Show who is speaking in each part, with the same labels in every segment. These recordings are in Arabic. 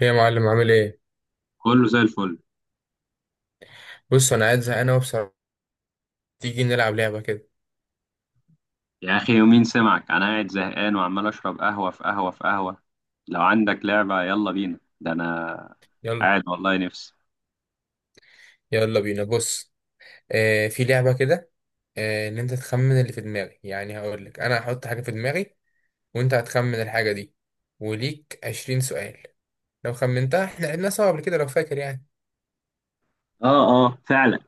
Speaker 1: ايه يا معلم، عامل ايه؟
Speaker 2: كله زي الفل.
Speaker 1: بص، انا قاعد زهقان اهو بصراحه. تيجي نلعب لعبه كده؟
Speaker 2: يا اخي يومين سمعك انا قاعد زهقان وعمال اشرب قهوه في قهوه في قهوه. لو عندك لعبه يلا بينا، ده انا
Speaker 1: يلا.
Speaker 2: قاعد والله نفسي.
Speaker 1: يلا بينا، بص. آه، في لعبه كده. آه، ان انت تخمن اللي في دماغي، يعني هقول لك انا هحط حاجه في دماغي، وانت هتخمن الحاجه دي. وليك 20 سؤال لو خمنتها. احنا لعبناها سوا قبل كده لو فاكر يعني،
Speaker 2: اه اه فعلا.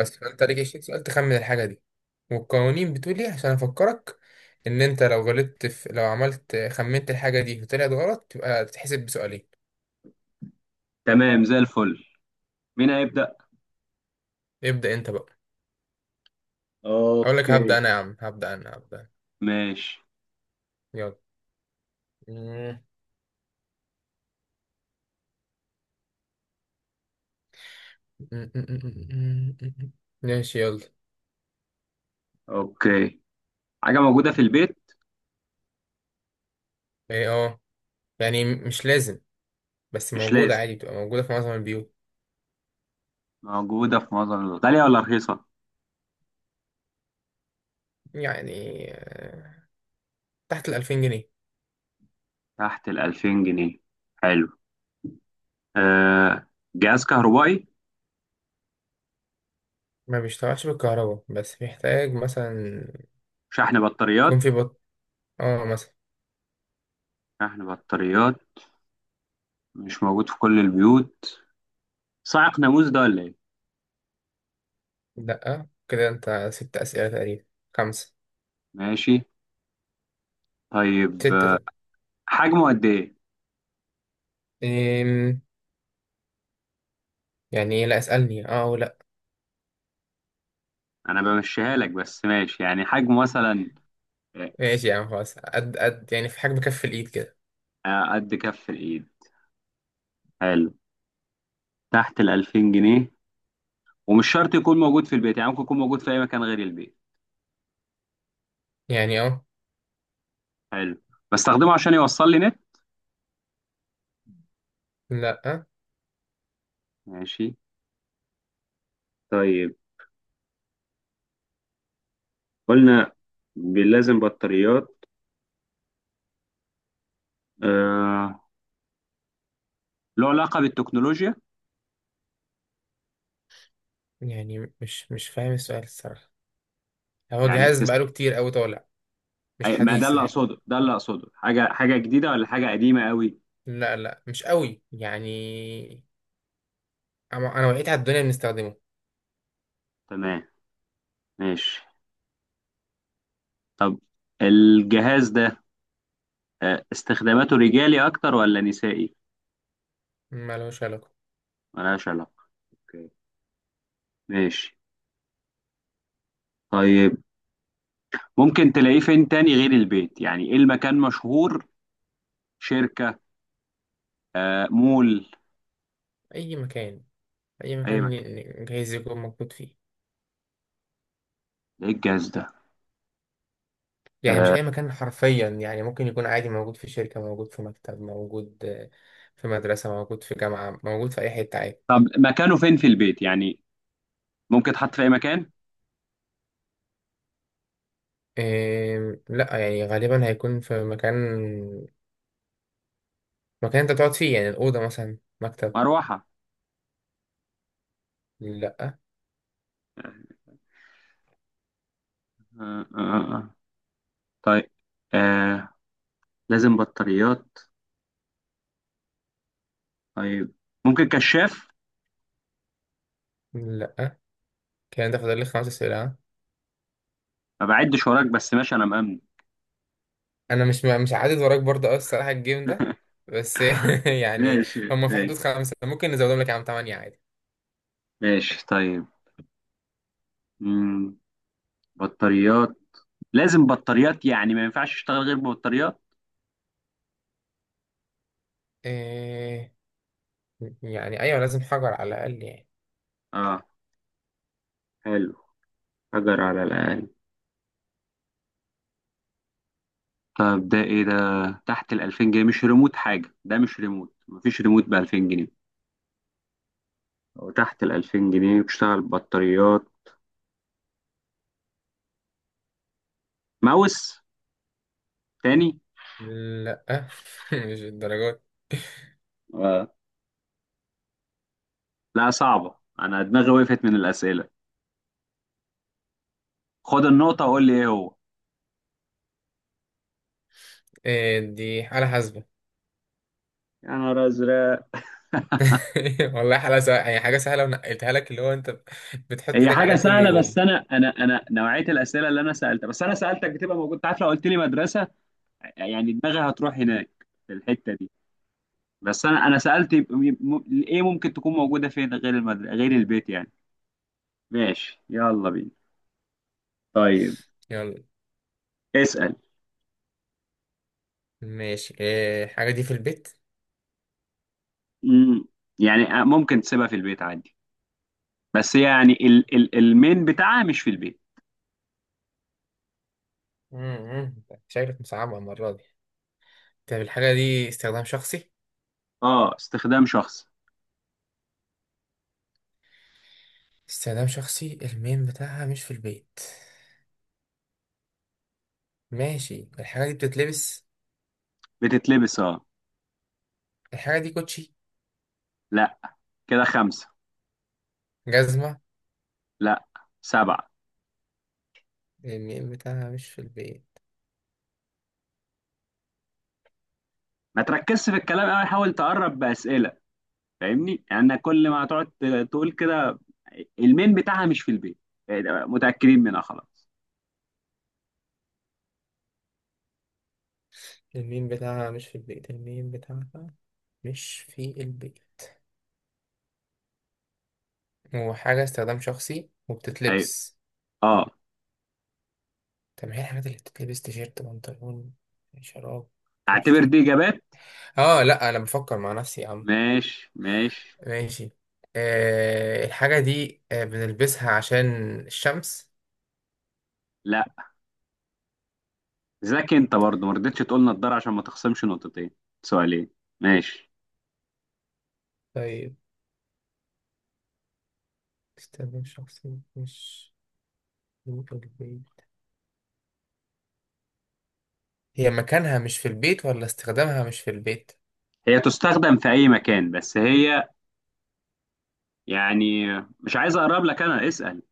Speaker 1: بس فانت ليك 20 سؤال تخمن الحاجه دي. والقوانين بتقول ايه عشان افكرك، ان انت لو غلطت في لو عملت خمنت الحاجه دي وطلعت غلط تبقى تتحسب بسؤالين.
Speaker 2: تمام زي الفل. مين هيبدا؟
Speaker 1: ابدا انت بقى. اقول لك
Speaker 2: اوكي.
Speaker 1: هبدا انا، يا عم، هبدا انا، هبدا.
Speaker 2: ماشي.
Speaker 1: يلا. مم. مم. مم. مم. مم. ماشي يلا.
Speaker 2: اوكي. حاجه موجوده في البيت؟
Speaker 1: ايه، اه. يعني مش لازم، بس
Speaker 2: مش
Speaker 1: موجودة
Speaker 2: لازم
Speaker 1: عادي، بتبقى موجودة في معظم البيوت.
Speaker 2: موجوده في معظم الوقت، غاليه ولا رخيصه؟
Speaker 1: يعني تحت الـ2000 جنيه.
Speaker 2: تحت ال 2000 جنيه؟ حلو. آه. جهاز كهربائي؟
Speaker 1: ما بيشتغلش بالكهرباء، بس بيحتاج مثلا
Speaker 2: شحن
Speaker 1: يكون
Speaker 2: بطاريات.
Speaker 1: في بط. اه، مثلا.
Speaker 2: شحن بطاريات. مش موجود في كل البيوت. صاعق ناموس ده ولا ايه؟
Speaker 1: لأ، كده انت 6 أسئلة تقريبا. خمسة.
Speaker 2: ماشي. طيب،
Speaker 1: ستة، ستة.
Speaker 2: حجمه قد ايه؟
Speaker 1: إيه؟ يعني إيه؟ لا، اسألني اه ولا.
Speaker 2: انا بمشيها لك بس، ماشي يعني حجمه مثلا.
Speaker 1: ماشي يا عم، خلاص، قد قد يعني، في حاجة بكف الإيد كده.
Speaker 2: قد كف الايد. حلو. تحت ال 2000 جنيه، ومش شرط يكون موجود في البيت، يعني ممكن يكون موجود في اي مكان غير البيت.
Speaker 1: يعني اه.
Speaker 2: حلو. بستخدمه عشان يوصل لي نت؟
Speaker 1: لأ.
Speaker 2: ماشي. طيب، قلنا لازم بطاريات. آه. له علاقة بالتكنولوجيا؟
Speaker 1: يعني مش فاهم السؤال الصراحة. هو
Speaker 2: يعني
Speaker 1: جهاز
Speaker 2: بتس...
Speaker 1: بقاله كتير قوي طالع، مش
Speaker 2: ما ده
Speaker 1: حديث
Speaker 2: اللي
Speaker 1: يعني.
Speaker 2: اقصده، ده اللي اقصده، حاجة جديدة ولا حاجة قديمة قوي؟
Speaker 1: لا لا، مش قوي يعني، انا وقيت على الدنيا بنستخدمه.
Speaker 2: تمام. ماشي. طب الجهاز ده، استخداماته رجالي اكتر ولا نسائي؟
Speaker 1: ما لهوش علاقة.
Speaker 2: ملهاش علاقة. اوكي. ماشي. طيب، ممكن تلاقيه فين تاني غير البيت، يعني ايه المكان مشهور شركة؟ مول؟
Speaker 1: اي مكان. اي
Speaker 2: اي
Speaker 1: مكان،
Speaker 2: مكان؟
Speaker 1: جهاز يكون موجود فيه.
Speaker 2: ده ايه الجهاز ده؟
Speaker 1: يعني مش
Speaker 2: آه،
Speaker 1: اي مكان حرفيا، يعني ممكن يكون عادي موجود في شركة، موجود في مكتب، موجود في مدرسة، موجود في جامعة، موجود في اي حتة عادي.
Speaker 2: طب مكانه فين في البيت يعني؟ ممكن تحط في اي مكان؟
Speaker 1: إيه، لا، يعني غالبا هيكون في مكان انت تقعد فيه، يعني الأوضة مثلا، مكتب.
Speaker 2: مروحة؟
Speaker 1: لا.
Speaker 2: آه، آه، آه. آه. طيب. آه. لازم بطاريات. طيب، ممكن كشاف؟
Speaker 1: لا، كان ده فاضل لي 5 أسئلة.
Speaker 2: ما بعدش وراك بس، ماشي انا مأمن.
Speaker 1: انا مش عادد وراك برضه قوي الصراحه الجيم ده، بس يعني.
Speaker 2: ماشي.
Speaker 1: هم في
Speaker 2: ماشي.
Speaker 1: حدود خمسه، ممكن نزودهم لك يا عم تمانية عادي.
Speaker 2: ماشي. طيب. مم. بطاريات. لازم بطاريات، يعني ما ينفعش اشتغل غير ببطاريات.
Speaker 1: إيه؟ يعني ايوه، لازم حجر على الاقل يعني.
Speaker 2: اه. حلو. حجر على الاقل. طب ده ايه، ده تحت ال 2000 جنيه، مش ريموت حاجه؟ ده مش ريموت، مفيش ريموت ب 2000 جنيه. وتحت ال 2000 جنيه، بتشتغل بطاريات. ماوس؟ تاني.
Speaker 1: لا مش الدرجات.
Speaker 2: اه، لا صعبه، انا دماغي وقفت من الاسئله. خد النقطه وقول لي ايه هو.
Speaker 1: إيه؟ دي حاله حاسبه.
Speaker 2: يا نهار ازرق.
Speaker 1: والله حاله سهله يعني، حاجه سهله ونقلتها لك، اللي هو انت بتحط
Speaker 2: هي
Speaker 1: ايدك
Speaker 2: حاجه
Speaker 1: عليها كل
Speaker 2: سهله، بس
Speaker 1: يوم.
Speaker 2: انا نوعيه الاسئله اللي انا سالتها، بس انا سالتك بتبقى موجود. أنت عارف لو قلت لي مدرسه يعني دماغي هتروح هناك في الحته دي. بس انا سالت، ايه ممكن تكون موجوده فين غير المدرسه غير البيت يعني؟ ماشي يلا بينا. طيب
Speaker 1: يلا.
Speaker 2: اسال.
Speaker 1: ماشي، إيه الحاجه دي في البيت؟
Speaker 2: مم. يعني آه، ممكن تسيبها في البيت عادي، بس يعني ال المين بتاعها مش في البيت.
Speaker 1: مم. شكلك مصعبه المره دي. طب الحاجه دي استخدام شخصي؟
Speaker 2: اه، استخدام شخصي.
Speaker 1: استخدام شخصي، المين بتاعها مش في البيت. ماشي، الحاجة دي بتتلبس.
Speaker 2: بتتلبس اه.
Speaker 1: الحاجة دي كوتشي.
Speaker 2: لا. كده خمسه.
Speaker 1: جزمة.
Speaker 2: لا. سبعه.
Speaker 1: الميم بتاعها مش في البيت،
Speaker 2: ما تركزش في الكلام قوي، حاول تقرب باسئله. فاهمني؟ يعني كل ما هتقعد تقول كده، المين بتاعها مش في البيت، إيه ده، متاكدين منها خلاص؟
Speaker 1: الميم بتاعها مش في البيت، الميم بتاعها مش في البيت، وحاجة استخدام شخصي،
Speaker 2: ايوه.
Speaker 1: وبتتلبس.
Speaker 2: اه.
Speaker 1: طب ما هي الحاجات اللي بتتلبس، تيشيرت، بنطلون، شراب،
Speaker 2: اعتبر
Speaker 1: كوتشي.
Speaker 2: دي اجابات.
Speaker 1: اه لا، انا بفكر مع نفسي يا عم.
Speaker 2: ماشي، ماشي.
Speaker 1: ماشي. آه، الحاجة دي بنلبسها عشان الشمس.
Speaker 2: لا. ذاك انت برضه ما رضيتش تقول نضاره عشان ما تخصمش نقطتين. سؤالين. ماشي.
Speaker 1: طيب. استخدام شخصي مش في البيت. هي مكانها مش في البيت ولا استخدامها مش في البيت؟
Speaker 2: هي تستخدم في اي مكان، بس هي يعني مش عايز اقرب لك، انا اسأل.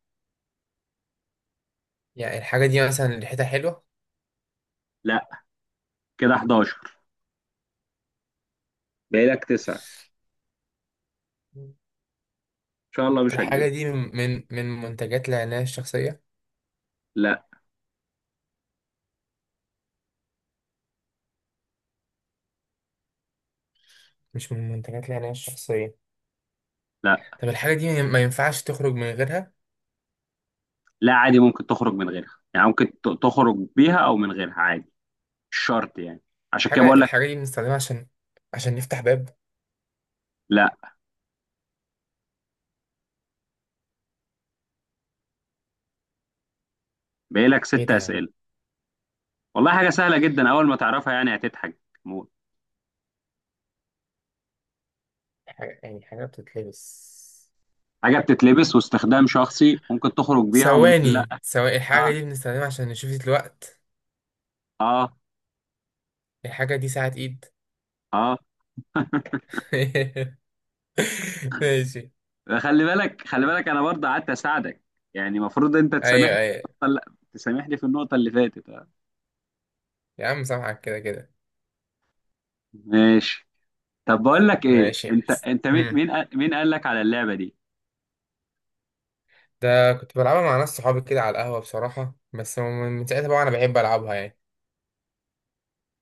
Speaker 1: يعني الحاجة دي مثلا ريحتها حلوة.
Speaker 2: لا. كده 11. باقي لك 9، ان
Speaker 1: مم.
Speaker 2: شاء الله مش
Speaker 1: الحاجة
Speaker 2: هتجيبها.
Speaker 1: دي من منتجات العناية الشخصية.
Speaker 2: لا.
Speaker 1: مش من منتجات العناية الشخصية.
Speaker 2: لا.
Speaker 1: طب الحاجة دي ما ينفعش تخرج من غيرها.
Speaker 2: لا، عادي ممكن تخرج من غيرها، يعني ممكن تخرج بيها او من غيرها عادي، مش شرط يعني، عشان كده بقول لك.
Speaker 1: الحاجة دي بنستخدمها عشان نفتح باب.
Speaker 2: لا. باقي لك
Speaker 1: ايه
Speaker 2: ست
Speaker 1: ده يعني.
Speaker 2: اسئله. والله حاجه سهله جدا، اول ما تعرفها يعني هتضحك موت.
Speaker 1: يعني حاجة بتتلبس.
Speaker 2: حاجه بتتلبس واستخدام شخصي، ممكن تخرج بيها وممكن لا.
Speaker 1: ثواني ثواني، الحاجة
Speaker 2: اه.
Speaker 1: دي بنستخدمها عشان نشوف الوقت.
Speaker 2: اه.
Speaker 1: الحاجة دي ساعة ايد.
Speaker 2: اه،
Speaker 1: ماشي.
Speaker 2: خلي بالك، خلي بالك، انا برضه قعدت اساعدك، يعني المفروض انت تسامحني
Speaker 1: ايوه
Speaker 2: في
Speaker 1: ايوه.
Speaker 2: النقطه اللي، تسامحني في النقطه اللي فاتت. آه.
Speaker 1: يا عم، سامحك كده كده.
Speaker 2: ماشي. طب بقول لك ايه،
Speaker 1: ماشي.
Speaker 2: انت مين
Speaker 1: امم
Speaker 2: مين قال- مين قال لك على اللعبه دي؟
Speaker 1: ده كنت بلعبها مع ناس صحابي كده على القهوة بصراحة، بس من ساعتها بقى أنا بحب ألعبها يعني.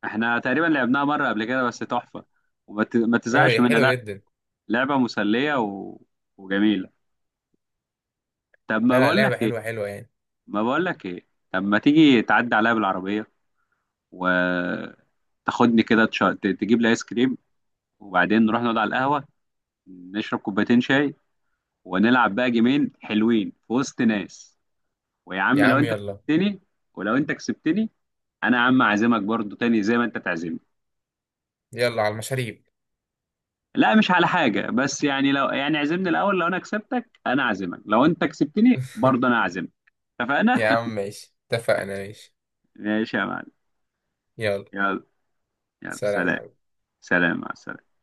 Speaker 2: احنا تقريبا لعبناها مره قبل كده، بس تحفه وما ما
Speaker 1: أه،
Speaker 2: تزهقش
Speaker 1: هي
Speaker 2: منها
Speaker 1: حلوة
Speaker 2: لا.
Speaker 1: جدا.
Speaker 2: لعبه مسليه وجميله. طب ما
Speaker 1: لا لا،
Speaker 2: بقول لك
Speaker 1: لعبة
Speaker 2: ايه،
Speaker 1: حلوة حلوة يعني.
Speaker 2: ما بقول لك ايه، طب ما تيجي تعدي عليا بالعربيه وتاخدني كده، تجيب لي ايس كريم، وبعدين نروح نقعد على القهوه، نشرب كوبايتين شاي، ونلعب بقى جيمين حلوين في وسط ناس. ويا
Speaker 1: يا
Speaker 2: عم لو
Speaker 1: عم
Speaker 2: انت
Speaker 1: يلا.
Speaker 2: كسبتني، ولو انت كسبتني، انا يا عم اعزمك برضو تاني زي ما انت تعزمني.
Speaker 1: يلا على المشاريب.
Speaker 2: لا مش على حاجة، بس يعني لو يعني عزمني الاول، لو انا كسبتك انا اعزمك، لو انت كسبتني برضو انا اعزمك. اتفقنا؟
Speaker 1: يا عم ماشي، اتفقنا ماشي.
Speaker 2: ماشي يا معلم.
Speaker 1: يلا.
Speaker 2: يلا. يلا
Speaker 1: سلام يا
Speaker 2: سلام.
Speaker 1: حبيبي.
Speaker 2: سلام مع السلامة.